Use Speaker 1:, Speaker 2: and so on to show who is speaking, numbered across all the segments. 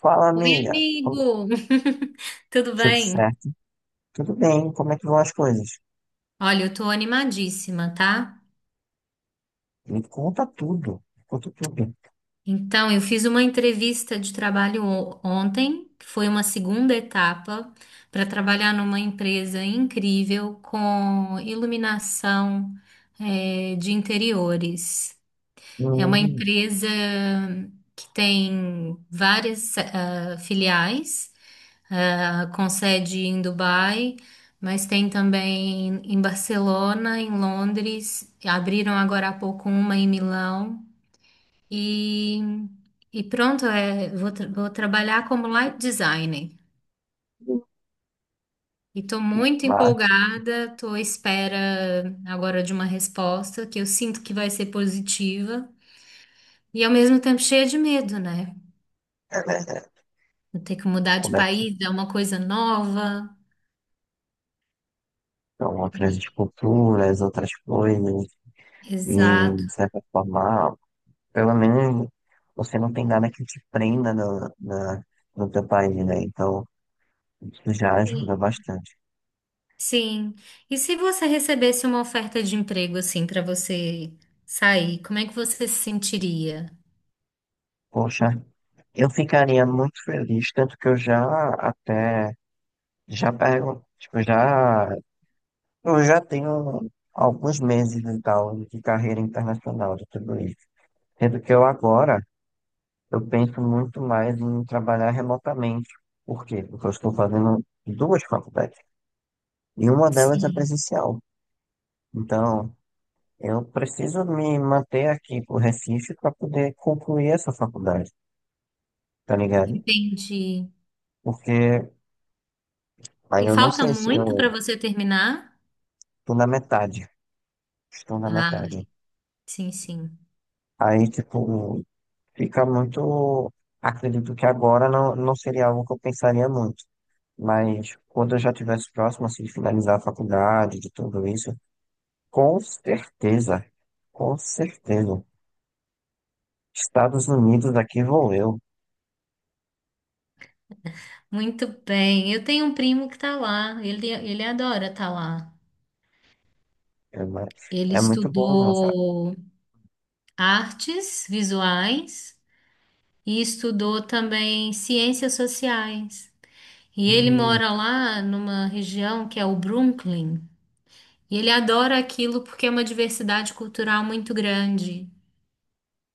Speaker 1: Fala,
Speaker 2: Oi,
Speaker 1: amiga. Como-
Speaker 2: amigo! Tudo
Speaker 1: Tudo
Speaker 2: bem?
Speaker 1: certo? Tudo bem? Como é que vão as coisas?
Speaker 2: Olha, eu tô animadíssima, tá?
Speaker 1: Me conta tudo. Me conta tudo.
Speaker 2: Então, eu fiz uma entrevista de trabalho ontem, que foi uma segunda etapa, para trabalhar numa empresa incrível com iluminação, de interiores. É uma
Speaker 1: Hum,
Speaker 2: empresa que tem várias filiais. Com sede em Dubai, mas tem também em Barcelona, em Londres, abriram agora há pouco uma em Milão e, e pronto, é, vou, vou trabalhar como light designer. E estou muito
Speaker 1: mas,
Speaker 2: empolgada, estou à espera agora de uma resposta que eu sinto que vai ser positiva e ao mesmo tempo cheia de medo, né?
Speaker 1: é, é,
Speaker 2: Vou ter que mudar de
Speaker 1: como é que
Speaker 2: país, é uma coisa nova.
Speaker 1: estão outras culturas, outras coisas? E,
Speaker 2: Exato.
Speaker 1: de certa forma, pelo menos você não tem nada que te prenda no teu país, né? Então, isso já ajuda bastante.
Speaker 2: Sim. E se você recebesse uma oferta de emprego assim para você sair, como é que você se sentiria?
Speaker 1: Poxa, eu ficaria muito feliz, tanto que eu já até, já pergunto, tipo, já. Eu já tenho alguns meses e tal de carreira internacional de tudo isso. Sendo que eu agora, eu penso muito mais em trabalhar remotamente. Por quê? Porque eu estou fazendo duas faculdades e uma delas é
Speaker 2: Sim,
Speaker 1: presencial. Então, eu preciso me manter aqui pro Recife para poder concluir essa faculdade, tá ligado?
Speaker 2: entendi.
Speaker 1: Porque aí
Speaker 2: E
Speaker 1: eu não
Speaker 2: falta
Speaker 1: sei se
Speaker 2: muito
Speaker 1: eu
Speaker 2: para você terminar?
Speaker 1: tô na metade. Estou na
Speaker 2: Ah,
Speaker 1: metade.
Speaker 2: sim, sim.
Speaker 1: Aí, tipo, fica muito. Acredito que agora não, não seria algo que eu pensaria muito, mas quando eu já estivesse próximo assim, de finalizar a faculdade, de tudo isso, com certeza, com certeza. Estados Unidos, aqui vou eu.
Speaker 2: Muito bem. Eu tenho um primo que tá lá. Ele adora estar lá.
Speaker 1: É, mu-
Speaker 2: Ele
Speaker 1: é muito bom, não, sabe?
Speaker 2: estudou artes visuais e estudou também ciências sociais. E ele
Speaker 1: Hum,
Speaker 2: mora lá numa região que é o Brooklyn. E ele adora aquilo porque é uma diversidade cultural muito grande.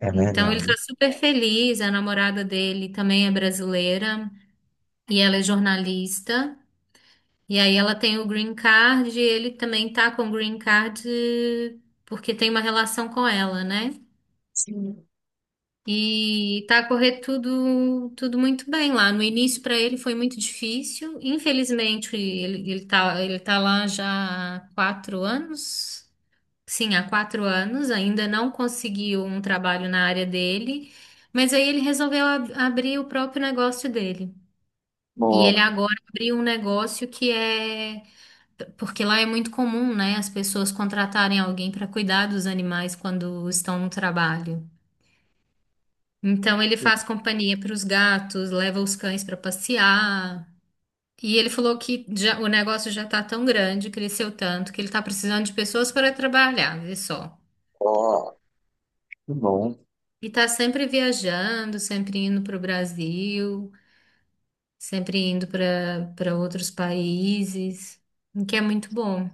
Speaker 1: é
Speaker 2: Então ele está
Speaker 1: verdade.
Speaker 2: super feliz. A namorada dele também é brasileira e ela é jornalista. E aí ela tem o green card e ele também tá com o green card porque tem uma relação com ela, né?
Speaker 1: Sim.
Speaker 2: E tá a correr tudo, tudo muito bem lá. No início para ele foi muito difícil. Infelizmente ele tá lá já há 4 anos. Sim, há 4 anos, ainda não conseguiu um trabalho na área dele, mas aí ele resolveu abrir o próprio negócio dele. E ele
Speaker 1: Bom,
Speaker 2: agora abriu um negócio que é. Porque lá é muito comum, né, as pessoas contratarem alguém para cuidar dos animais quando estão no trabalho. Então ele faz companhia para os gatos, leva os cães para passear. E ele falou que o negócio já está tão grande, cresceu tanto, que ele está precisando de pessoas para trabalhar, vê só.
Speaker 1: bom, que bom.
Speaker 2: E tá sempre viajando, sempre indo para o Brasil, sempre indo para outros países, o que é muito bom.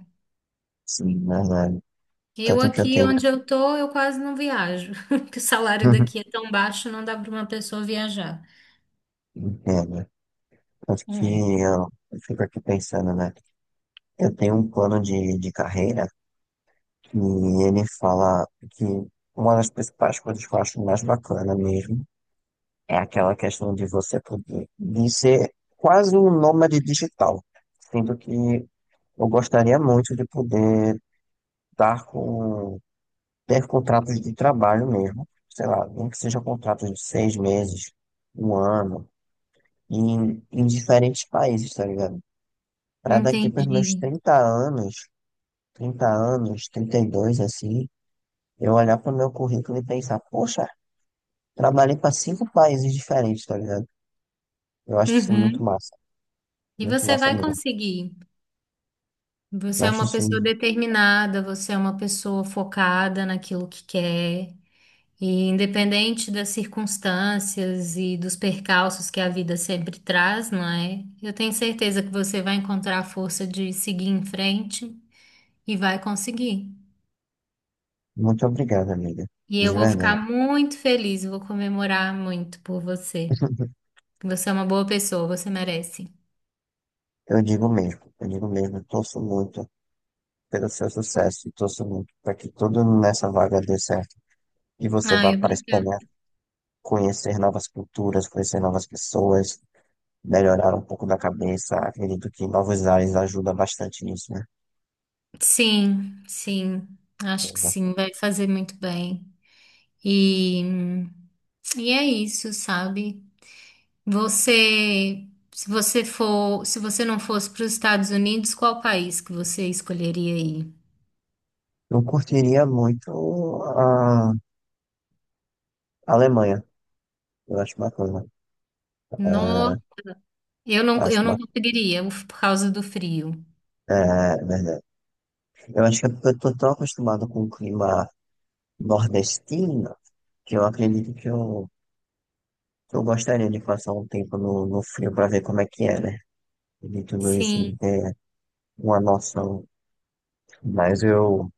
Speaker 1: Sim, é verdade.
Speaker 2: Eu
Speaker 1: Tanto que eu
Speaker 2: aqui
Speaker 1: tenho.
Speaker 2: onde eu tô, eu quase não viajo, porque o salário daqui é tão baixo, não dá para uma pessoa viajar.
Speaker 1: Entendo. Tanto
Speaker 2: Não
Speaker 1: que
Speaker 2: é?
Speaker 1: eu fico aqui pensando, né? Eu tenho um plano de carreira. E ele fala que uma das principais coisas que eu acho mais bacana mesmo é aquela questão de você poder, de ser quase um nômade digital. Sendo que eu gostaria muito de poder estar com, ter contratos de trabalho mesmo, sei lá, nem que seja contratos de 6 meses, um ano, em diferentes países, tá ligado? Para daqui para meus
Speaker 2: Entendi.
Speaker 1: 30 anos, 30 anos, 32, assim, eu olhar para o meu currículo e pensar, poxa, trabalhei para 5 países diferentes, tá ligado? Eu acho isso muito
Speaker 2: Uhum.
Speaker 1: massa.
Speaker 2: E
Speaker 1: Muito
Speaker 2: você
Speaker 1: massa
Speaker 2: vai
Speaker 1: mesmo.
Speaker 2: conseguir.
Speaker 1: Eu
Speaker 2: Você é
Speaker 1: acho
Speaker 2: uma
Speaker 1: isso
Speaker 2: pessoa determinada, você é uma pessoa focada naquilo que quer. E independente das circunstâncias e dos percalços que a vida sempre traz, não é? Eu tenho certeza que você vai encontrar a força de seguir em frente e vai conseguir.
Speaker 1: muito obrigado, amiga.
Speaker 2: E
Speaker 1: De
Speaker 2: eu vou ficar
Speaker 1: verdade.
Speaker 2: muito feliz, vou comemorar muito por você. Você é uma boa pessoa, você merece.
Speaker 1: Eu digo mesmo. Eu digo mesmo. Torço muito pelo seu sucesso. E torço muito para que tudo nessa vaga dê certo. E você vá
Speaker 2: Ai,
Speaker 1: para a
Speaker 2: obrigada.
Speaker 1: Espanha conhecer novas culturas, conhecer novas pessoas, melhorar um pouco da cabeça. Acredito que novos ares ajuda bastante nisso, né?
Speaker 2: Sim, sim, acho que
Speaker 1: Exato.
Speaker 2: sim, vai fazer muito bem. E, e é isso, sabe? Você, se você for, se você não fosse para os Estados Unidos, qual país que você escolheria aí?
Speaker 1: Eu curtiria muito a Alemanha. Eu acho bacana.
Speaker 2: No,
Speaker 1: Ah,
Speaker 2: eu
Speaker 1: acho
Speaker 2: não conseguiria, uf, por causa do frio.
Speaker 1: é, verdade. Eu acho que é porque eu tô tão acostumado com o clima nordestino que eu acredito que que eu gostaria de passar um tempo no frio para ver como é que é, né? De tudo isso
Speaker 2: Sim,
Speaker 1: de ter uma noção. Mas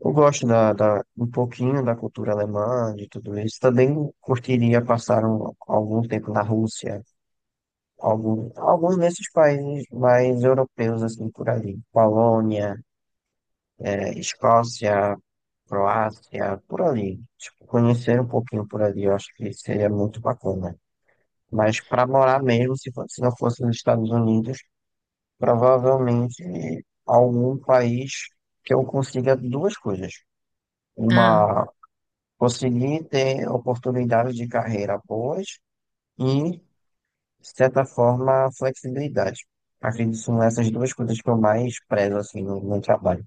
Speaker 1: eu gosto um pouquinho da cultura alemã, de tudo isso. Também curtiria passar algum tempo na Rússia, alguns desses países mais europeus, assim, por ali. Polônia. É, Escócia, Croácia, por ali. Tipo, conhecer um pouquinho por ali, eu acho que seria muito bacana. Mas para morar mesmo, se fo- se não fosse nos Estados Unidos, provavelmente algum país que eu consiga duas coisas.
Speaker 2: ah,
Speaker 1: Uma, conseguir ter oportunidades de carreira boas e, de certa forma, flexibilidade. Acredito que são essas duas coisas que eu mais prezo assim, no meu trabalho.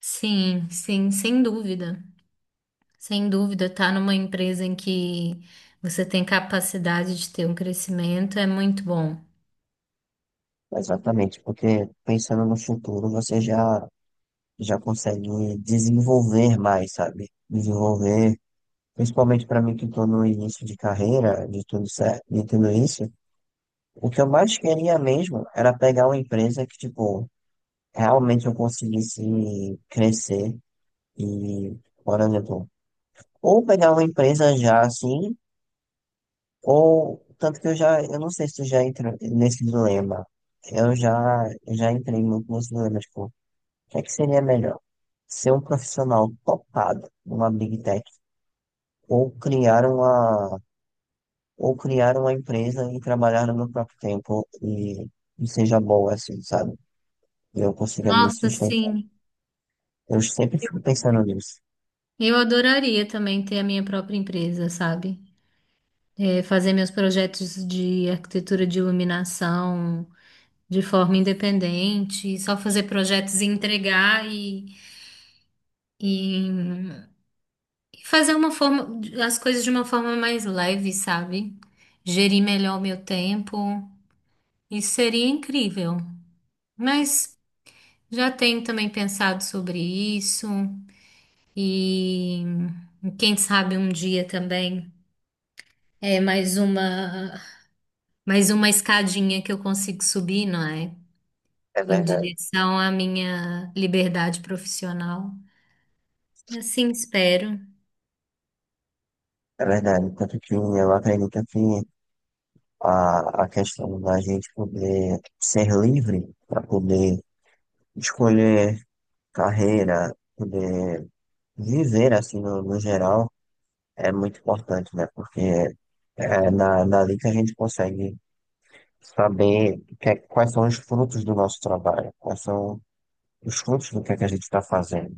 Speaker 2: sim, sim, sem dúvida. Sem dúvida, tá numa empresa em que você tem capacidade de ter um crescimento é muito bom.
Speaker 1: Exatamente, porque pensando no futuro, você já já consegue desenvolver mais, sabe? Desenvolver, principalmente para mim que estou no início de carreira, de tudo certo, de tudo isso, o que eu mais queria mesmo era pegar uma empresa que, tipo, realmente eu conseguisse crescer e, por exemplo, ou pegar uma empresa já assim, ou tanto que eu já, eu não sei se tu já entrou nesse dilema. Eu já entrei muito nesse dilema, tipo, o que é que seria melhor? Ser um profissional topado numa Big Tech ou criar uma, ou criar uma empresa e trabalhar no meu próprio tempo e seja boa assim, sabe? E eu consiga me
Speaker 2: Nossa,
Speaker 1: sustentar.
Speaker 2: sim.
Speaker 1: Eu sempre fico pensando nisso.
Speaker 2: Eu adoraria também ter a minha própria empresa, sabe? É, fazer meus projetos de arquitetura de iluminação, de forma independente, só fazer projetos e entregar e e fazer uma forma, as coisas de uma forma mais leve, sabe? Gerir melhor o meu tempo. Isso seria incrível. Mas já tenho também pensado sobre isso e quem sabe um dia também é mais uma escadinha que eu consigo subir, não é?
Speaker 1: É
Speaker 2: Em
Speaker 1: verdade.
Speaker 2: direção à minha liberdade profissional. Assim espero.
Speaker 1: É verdade. Tanto que eu acredito que a questão da gente poder ser livre para poder escolher carreira, poder viver assim no geral, é muito importante, né? Porque é na, dali que a gente consegue saber o que é- quais são os frutos do nosso trabalho, quais são os frutos do que é que a gente está fazendo.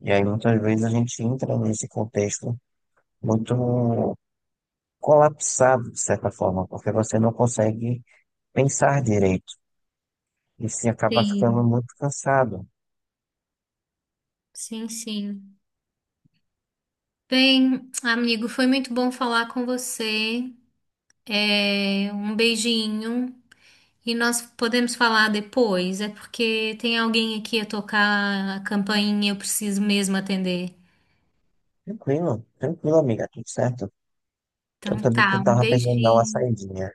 Speaker 1: E aí muitas vezes a gente entra nesse contexto muito colapsado, de certa forma, porque você não consegue pensar direito e se acaba ficando
Speaker 2: Sim,
Speaker 1: muito cansado.
Speaker 2: sim, sim. Bem, amigo, foi muito bom falar com você. É, um beijinho. E nós podemos falar depois. É porque tem alguém aqui a tocar a campainha, eu preciso mesmo atender.
Speaker 1: Tranquilo, tranquilo, amiga, tudo certo. Eu
Speaker 2: Então
Speaker 1: também
Speaker 2: tá, um
Speaker 1: estava pensando em dar uma
Speaker 2: beijinho.
Speaker 1: saidinha.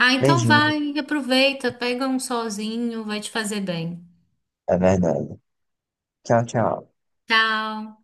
Speaker 2: Ah, então
Speaker 1: Beijinho,
Speaker 2: vai, aproveita, pega um solzinho, vai te fazer bem.
Speaker 1: é verdade. Tchau, tchau.
Speaker 2: Tchau.